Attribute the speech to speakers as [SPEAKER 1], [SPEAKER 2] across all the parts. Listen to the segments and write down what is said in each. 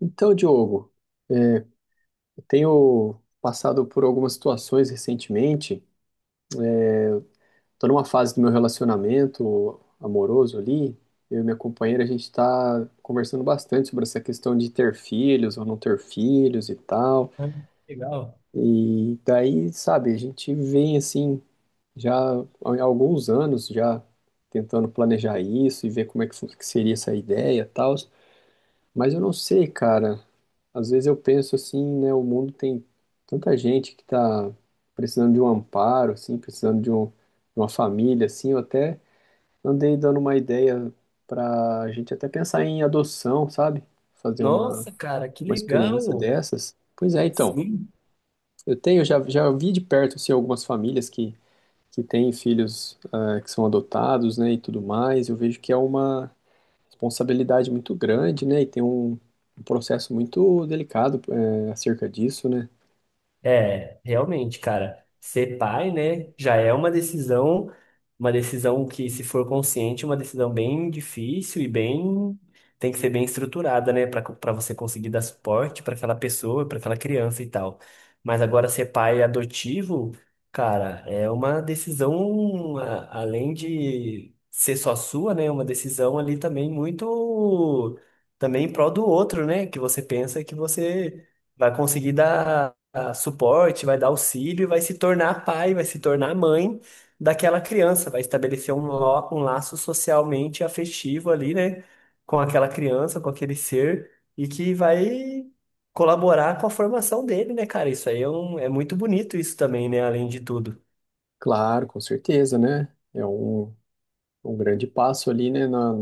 [SPEAKER 1] Então, Diogo, eu tenho passado por algumas situações recentemente. Estou numa fase do meu relacionamento amoroso ali. Eu e minha companheira, a gente está conversando bastante sobre essa questão de ter filhos ou não ter filhos e tal.
[SPEAKER 2] Ah, legal.
[SPEAKER 1] E daí, sabe, a gente vem assim, já há alguns anos já tentando planejar isso e ver como é que seria essa ideia e tal. Mas eu não sei, cara. Às vezes eu penso assim, né? O mundo tem tanta gente que tá precisando de um amparo, assim, precisando de uma família, assim. Eu até andei dando uma ideia pra gente até pensar em adoção, sabe? Fazer uma,
[SPEAKER 2] Nossa, cara, que
[SPEAKER 1] uma experiência
[SPEAKER 2] legal!
[SPEAKER 1] dessas. Pois é, então.
[SPEAKER 2] Sim.
[SPEAKER 1] Eu tenho, já vi de perto, assim, algumas famílias que têm filhos, que são adotados, né, e tudo mais. Eu vejo que é uma responsabilidade muito grande, né? E tem um processo muito delicado acerca disso, né?
[SPEAKER 2] É, realmente, cara, ser pai, né, já é uma decisão que, se for consciente, é uma decisão bem difícil e bem, tem que ser bem estruturada, né, para você conseguir dar suporte para aquela pessoa, para aquela criança e tal. Mas agora ser pai adotivo, cara, é uma decisão além de ser só sua, né, uma decisão ali também muito também em prol do outro, né, que você pensa que você vai conseguir dar suporte, vai dar auxílio e vai se tornar pai, vai se tornar mãe daquela criança, vai estabelecer um laço socialmente afetivo ali, né, com aquela criança, com aquele ser, e que vai colaborar com a formação dele, né, cara? Isso aí é, é muito bonito isso também, né, além de tudo.
[SPEAKER 1] Claro, com certeza, né? Um grande passo ali, né? Na,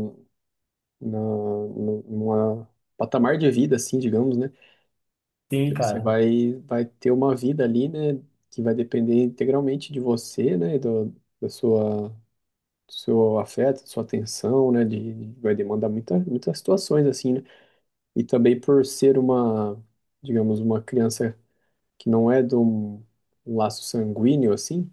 [SPEAKER 1] na, no- numa patamar de vida, assim, digamos, né?
[SPEAKER 2] Sim,
[SPEAKER 1] Porque você
[SPEAKER 2] cara.
[SPEAKER 1] vai, vai ter uma vida ali, né? Que vai depender integralmente de você, né? Do seu afeto, sua atenção, né? Vai demandar muitas situações, assim, né? E também por ser digamos, uma criança que não é de um laço sanguíneo assim,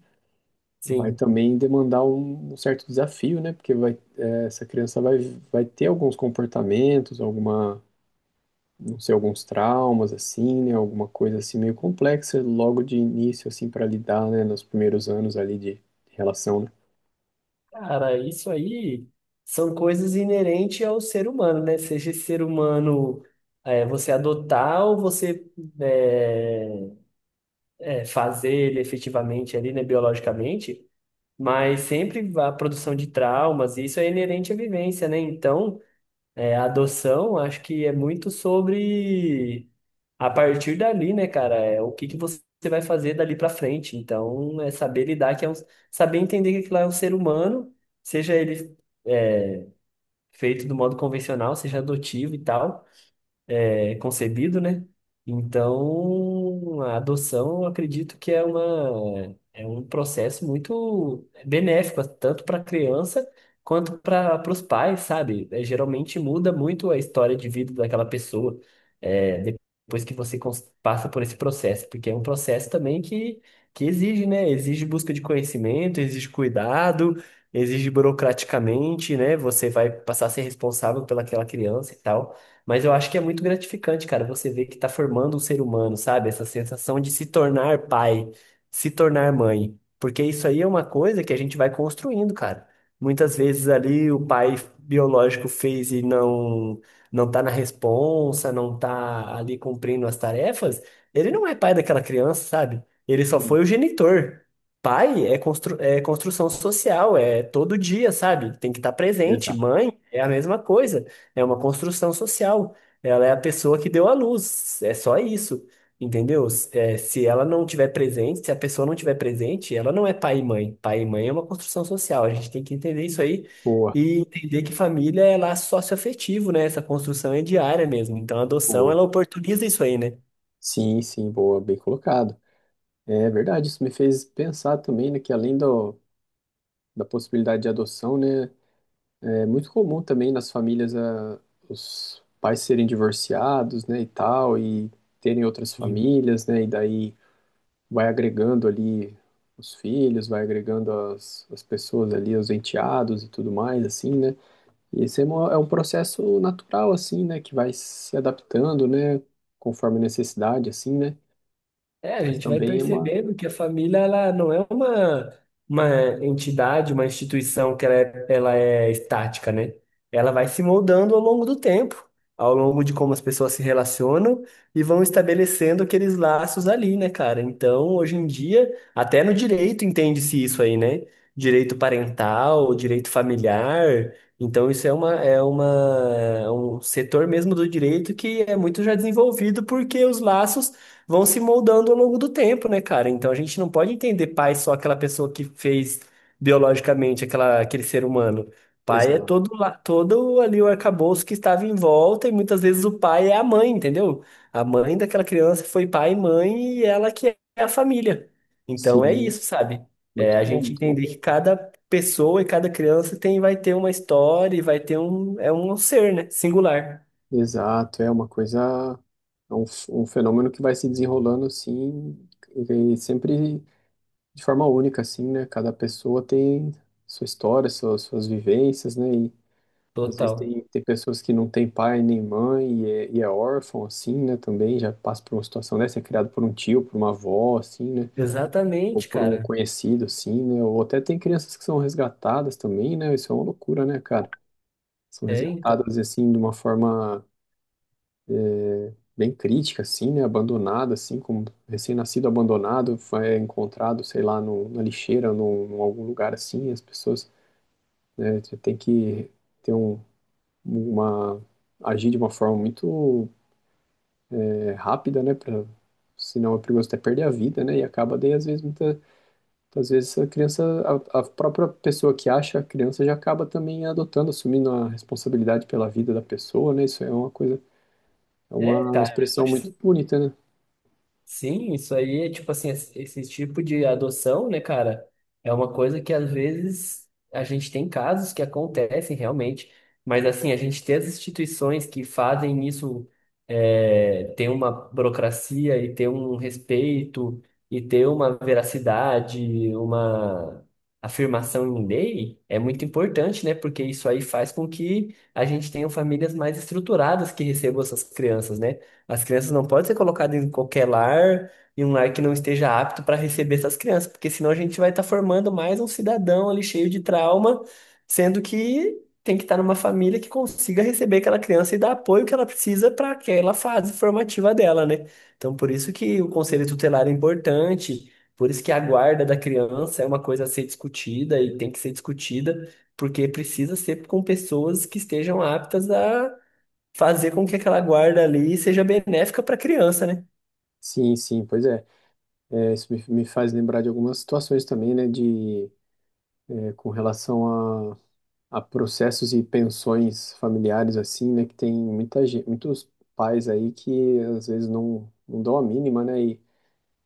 [SPEAKER 1] vai
[SPEAKER 2] Sim.
[SPEAKER 1] também demandar um certo desafio, né? Porque essa criança vai ter alguns comportamentos, não sei, alguns traumas assim, né? Alguma coisa assim meio complexa logo de início assim para lidar, né? Nos primeiros anos ali de relação, né?
[SPEAKER 2] Cara, isso aí são coisas inerentes ao ser humano, né? Seja esse ser humano, é, você adotar ou você eh, é, fazer ele efetivamente ali, né, biologicamente, mas sempre a produção de traumas, e isso é inerente à vivência, né? Então, é, a adoção, acho que é muito sobre a partir dali, né, cara, é o que que você vai fazer dali pra frente. Então, é saber lidar, que é um, saber entender que aquilo lá é um ser humano, seja ele feito do modo convencional, seja adotivo e tal. É, concebido, né? Então, a adoção, eu acredito que é uma, é um processo muito benéfico, tanto para a criança quanto para os pais, sabe? É, geralmente muda muito a história de vida daquela pessoa, é, depois que você passa por esse processo, porque é um processo também que exige, né? Exige busca de conhecimento, exige cuidado, exige burocraticamente, né? Você vai passar a ser responsável pelaquela criança e tal. Mas eu acho que é muito gratificante, cara, você ver que tá formando um ser humano, sabe? Essa sensação de se tornar pai, se tornar mãe. Porque isso aí é uma coisa que a gente vai construindo, cara. Muitas vezes ali o pai biológico fez e não tá na responsa, não tá ali cumprindo as tarefas, ele não é pai daquela criança, sabe? Ele só
[SPEAKER 1] Sim,
[SPEAKER 2] foi o genitor. Pai é, constru é construção social, é todo dia, sabe? Tem que estar presente.
[SPEAKER 1] exato.
[SPEAKER 2] Mãe é a mesma coisa. É uma construção social. Ela é a pessoa que deu à luz. É só isso. Entendeu? É, se ela não tiver presente, se a pessoa não tiver presente, ela não é pai e mãe. Pai e mãe é uma construção social. A gente tem que entender isso aí
[SPEAKER 1] Boa,
[SPEAKER 2] e entender que família é laço socioafetivo, né? Essa construção é diária mesmo. Então, a adoção,
[SPEAKER 1] boa.
[SPEAKER 2] ela oportuniza isso aí, né?
[SPEAKER 1] Sim, sim, boa, bem colocado. É verdade, isso me fez pensar também, né, que da possibilidade de adoção, né, é muito comum também nas famílias, os pais serem divorciados, né, e tal, e terem outras
[SPEAKER 2] Sim.
[SPEAKER 1] famílias, né, e daí vai agregando ali os filhos, vai agregando as pessoas ali, os enteados e tudo mais, assim, né. E é um processo natural, assim, né, que vai se adaptando, né, conforme a necessidade, assim, né.
[SPEAKER 2] É, a
[SPEAKER 1] Mas
[SPEAKER 2] gente vai
[SPEAKER 1] também é uma...
[SPEAKER 2] percebendo que a família ela não é uma entidade, uma instituição que ela é estática, né? Ela vai se moldando ao longo do tempo, ao longo de como as pessoas se relacionam e vão estabelecendo aqueles laços ali, né, cara? Então, hoje em dia, até no direito entende-se isso aí, né? Direito parental, direito familiar. Então, isso é uma, é uma, é um setor mesmo do direito que é muito já desenvolvido porque os laços vão se moldando ao longo do tempo, né, cara? Então a gente não pode entender pai só aquela pessoa que fez biologicamente aquela, aquele ser humano. Pai é
[SPEAKER 1] Exato.
[SPEAKER 2] todo, todo ali o arcabouço que estava em volta, e muitas vezes o pai é a mãe, entendeu? A mãe daquela criança foi pai e mãe, e ela que é a família. Então é
[SPEAKER 1] Sim,
[SPEAKER 2] isso, sabe? É
[SPEAKER 1] muito
[SPEAKER 2] a
[SPEAKER 1] bom,
[SPEAKER 2] gente
[SPEAKER 1] muito bom.
[SPEAKER 2] entender que cada pessoa e cada criança tem, vai ter uma história e vai ter um, é um ser, né? Singular.
[SPEAKER 1] Exato, é uma coisa, um fenômeno que vai se desenrolando assim, e sempre de forma única, assim, né? Cada pessoa tem sua história, suas vivências, né? E às vezes
[SPEAKER 2] Total.
[SPEAKER 1] tem pessoas que não têm pai nem mãe e é órfão, assim, né? Também já passa por uma situação dessa, é criado por um tio, por uma avó, assim, né? Ou
[SPEAKER 2] Exatamente,
[SPEAKER 1] por um
[SPEAKER 2] cara.
[SPEAKER 1] conhecido, assim, né? Ou até tem crianças que são resgatadas também, né? Isso é uma loucura, né, cara? São
[SPEAKER 2] É, então.
[SPEAKER 1] resgatadas, assim, de uma forma bem crítica, assim, né? Abandonada, assim, como recém-nascido abandonado, foi encontrado, sei lá, no, na lixeira, num algum lugar assim. As pessoas, né, já tem que ter um, uma agir de uma forma muito rápida, né? Pra, senão é perigoso até perder a vida, né? E acaba daí, às vezes, às vezes a própria pessoa que acha a criança já acaba também adotando, assumindo a responsabilidade pela vida da pessoa, né? Isso é uma coisa, é
[SPEAKER 2] É,
[SPEAKER 1] uma
[SPEAKER 2] cara,
[SPEAKER 1] expressão
[SPEAKER 2] acho
[SPEAKER 1] muito
[SPEAKER 2] que
[SPEAKER 1] bonita, né?
[SPEAKER 2] sim, isso aí é tipo assim, esse tipo de adoção, né, cara, é uma coisa que às vezes a gente tem casos que acontecem realmente, mas assim, a gente ter as instituições que fazem isso é, ter uma burocracia e ter um respeito e ter uma veracidade, uma afirmação em lei é muito importante, né, porque isso aí faz com que a gente tenha famílias mais estruturadas que recebam essas crianças, né? As crianças não podem ser colocadas em qualquer lar, em um lar que não esteja apto para receber essas crianças, porque senão a gente vai estar formando mais um cidadão ali cheio de trauma, sendo que tem que estar numa família que consiga receber aquela criança e dar apoio que ela precisa para aquela fase formativa dela, né? Então, por isso que o conselho tutelar é importante, por isso que a guarda da criança é uma coisa a ser discutida e tem que ser discutida, porque precisa ser com pessoas que estejam aptas a fazer com que aquela guarda ali seja benéfica para a criança, né?
[SPEAKER 1] Sim, sim, pois é. É, isso me faz lembrar de algumas situações também, né, com relação a processos e pensões familiares, assim, né, que tem muitos pais aí que às vezes não dão a mínima, né, e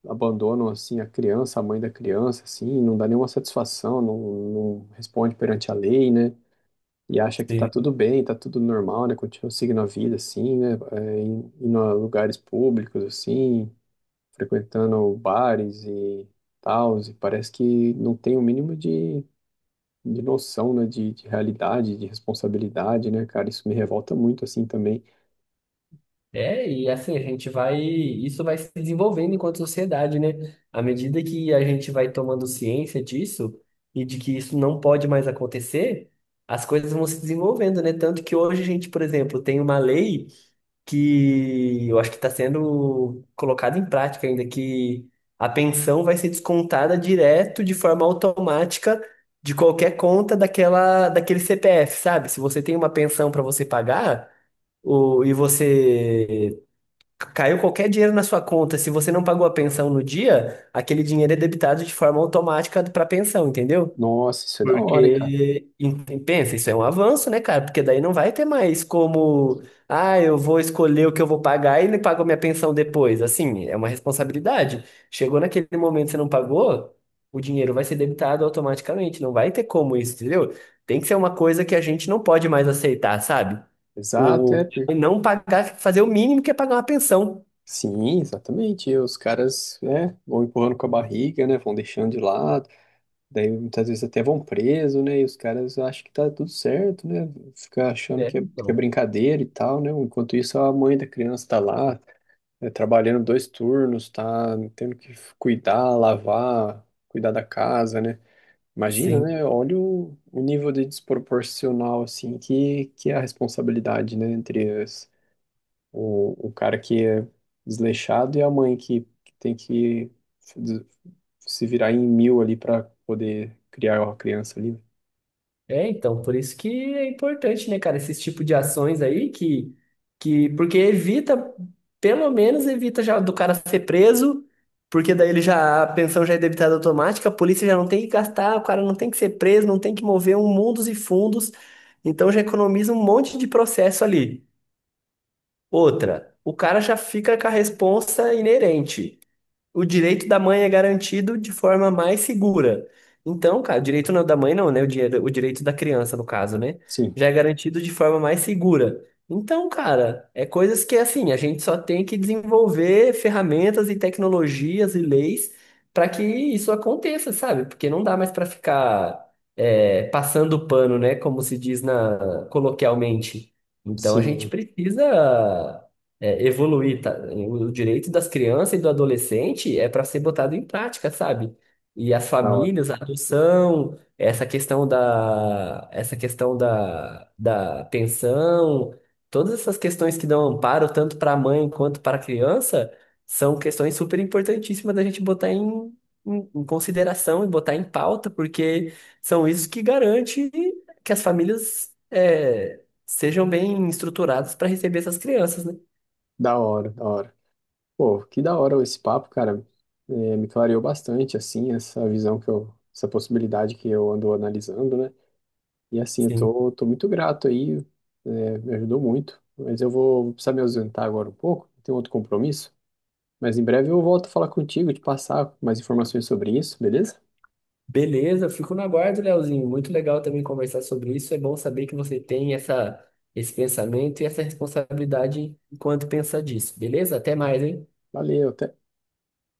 [SPEAKER 1] abandonam, assim, a criança, a mãe da criança, assim, não dá nenhuma satisfação, não responde perante a lei, né, e acha que tá
[SPEAKER 2] Sim.
[SPEAKER 1] tudo bem, tá tudo normal, né, continua seguindo a vida, assim, né, indo a lugares públicos, assim, frequentando bares e tal, e parece que não tem o mínimo de noção, né, de realidade, de responsabilidade, né, cara? Isso me revolta muito, assim, também.
[SPEAKER 2] É, e assim, a gente vai, isso vai se desenvolvendo enquanto sociedade, né? À medida que a gente vai tomando ciência disso e de que isso não pode mais acontecer, as coisas vão se desenvolvendo, né? Tanto que hoje a gente, por exemplo, tem uma lei. Que eu acho que está sendo colocado em prática ainda, que a pensão vai ser descontada direto de forma automática de qualquer conta daquela, daquele CPF, sabe? Se você tem uma pensão para você pagar, o, e você caiu qualquer dinheiro na sua conta, se você não pagou a pensão no dia, aquele dinheiro é debitado de forma automática para a pensão, entendeu?
[SPEAKER 1] Nossa, isso é da hora, hein, cara?
[SPEAKER 2] Porque, pensa, isso é um avanço, né, cara? Porque daí não vai ter mais como, ah, eu vou escolher o que eu vou pagar e ele paga a minha pensão depois. Assim, é uma responsabilidade. Chegou naquele momento que você não pagou, o dinheiro vai ser debitado automaticamente. Não vai ter como isso, entendeu? Tem que ser uma coisa que a gente não pode mais aceitar, sabe?
[SPEAKER 1] Exato,
[SPEAKER 2] O
[SPEAKER 1] é.
[SPEAKER 2] o
[SPEAKER 1] per-
[SPEAKER 2] não pagar, fazer o mínimo que é pagar uma pensão.
[SPEAKER 1] Sim, exatamente. E os caras, né, vão empurrando com a barriga, né, vão deixando de lado, daí muitas vezes até vão preso, né, e os caras acham que tá tudo certo, né, fica achando
[SPEAKER 2] É,
[SPEAKER 1] que é
[SPEAKER 2] então.
[SPEAKER 1] brincadeira e tal, né, enquanto isso a mãe da criança tá lá, né, trabalhando dois turnos, tá tendo que cuidar, lavar, cuidar da casa, né? Imagina,
[SPEAKER 2] Sim.
[SPEAKER 1] né? Olha o nível de desproporcional, assim, que é a responsabilidade, né? O cara que é desleixado e a mãe que tem que se virar em mil ali para poder criar uma criança ali.
[SPEAKER 2] É, então, por isso que é importante, né, cara, esses tipo de ações aí que porque evita, pelo menos evita já do cara ser preso, porque daí ele já, a pensão já é debitada automática, a polícia já não tem que gastar, o cara não tem que ser preso, não tem que mover um mundos e fundos, então já economiza um monte de processo ali. Outra, o cara já fica com a responsa inerente o direito da mãe é garantido de forma mais segura. Então, cara, o direito da mãe não, né? O, o direito da criança, no caso, né?
[SPEAKER 1] Sim,
[SPEAKER 2] Já é garantido de forma mais segura. Então, cara, é coisas que, assim, a gente só tem que desenvolver ferramentas e tecnologias e leis para que isso aconteça, sabe? Porque não dá mais para ficar é, passando pano, né? Como se diz na, coloquialmente. Então, a gente
[SPEAKER 1] sim,
[SPEAKER 2] precisa é, evoluir, tá? O direito das crianças e do adolescente é para ser botado em prática, sabe? E as
[SPEAKER 1] da hora,
[SPEAKER 2] famílias, a adoção, essa questão da, da pensão, todas essas questões que dão amparo tanto para a mãe quanto para a criança, são questões super importantíssimas da gente botar em, em, em consideração e botar em pauta, porque são isso que garante que as famílias é, sejam bem estruturadas para receber essas crianças, né?
[SPEAKER 1] da hora, da hora. Pô, que da hora esse papo, cara. É, me clareou bastante, assim, essa visão essa possibilidade que eu ando analisando, né? E assim,
[SPEAKER 2] Sim.
[SPEAKER 1] tô muito grato aí, me ajudou muito. Mas eu vou precisar me ausentar agora um pouco, tenho outro compromisso. Mas em breve eu volto a falar contigo, te passar mais informações sobre isso, beleza?
[SPEAKER 2] Beleza, fico na guarda, Leozinho. Muito legal também conversar sobre isso. É bom saber que você tem essa, esse pensamento e essa responsabilidade enquanto pensa disso. Beleza? Até mais, hein?
[SPEAKER 1] Valeu, até.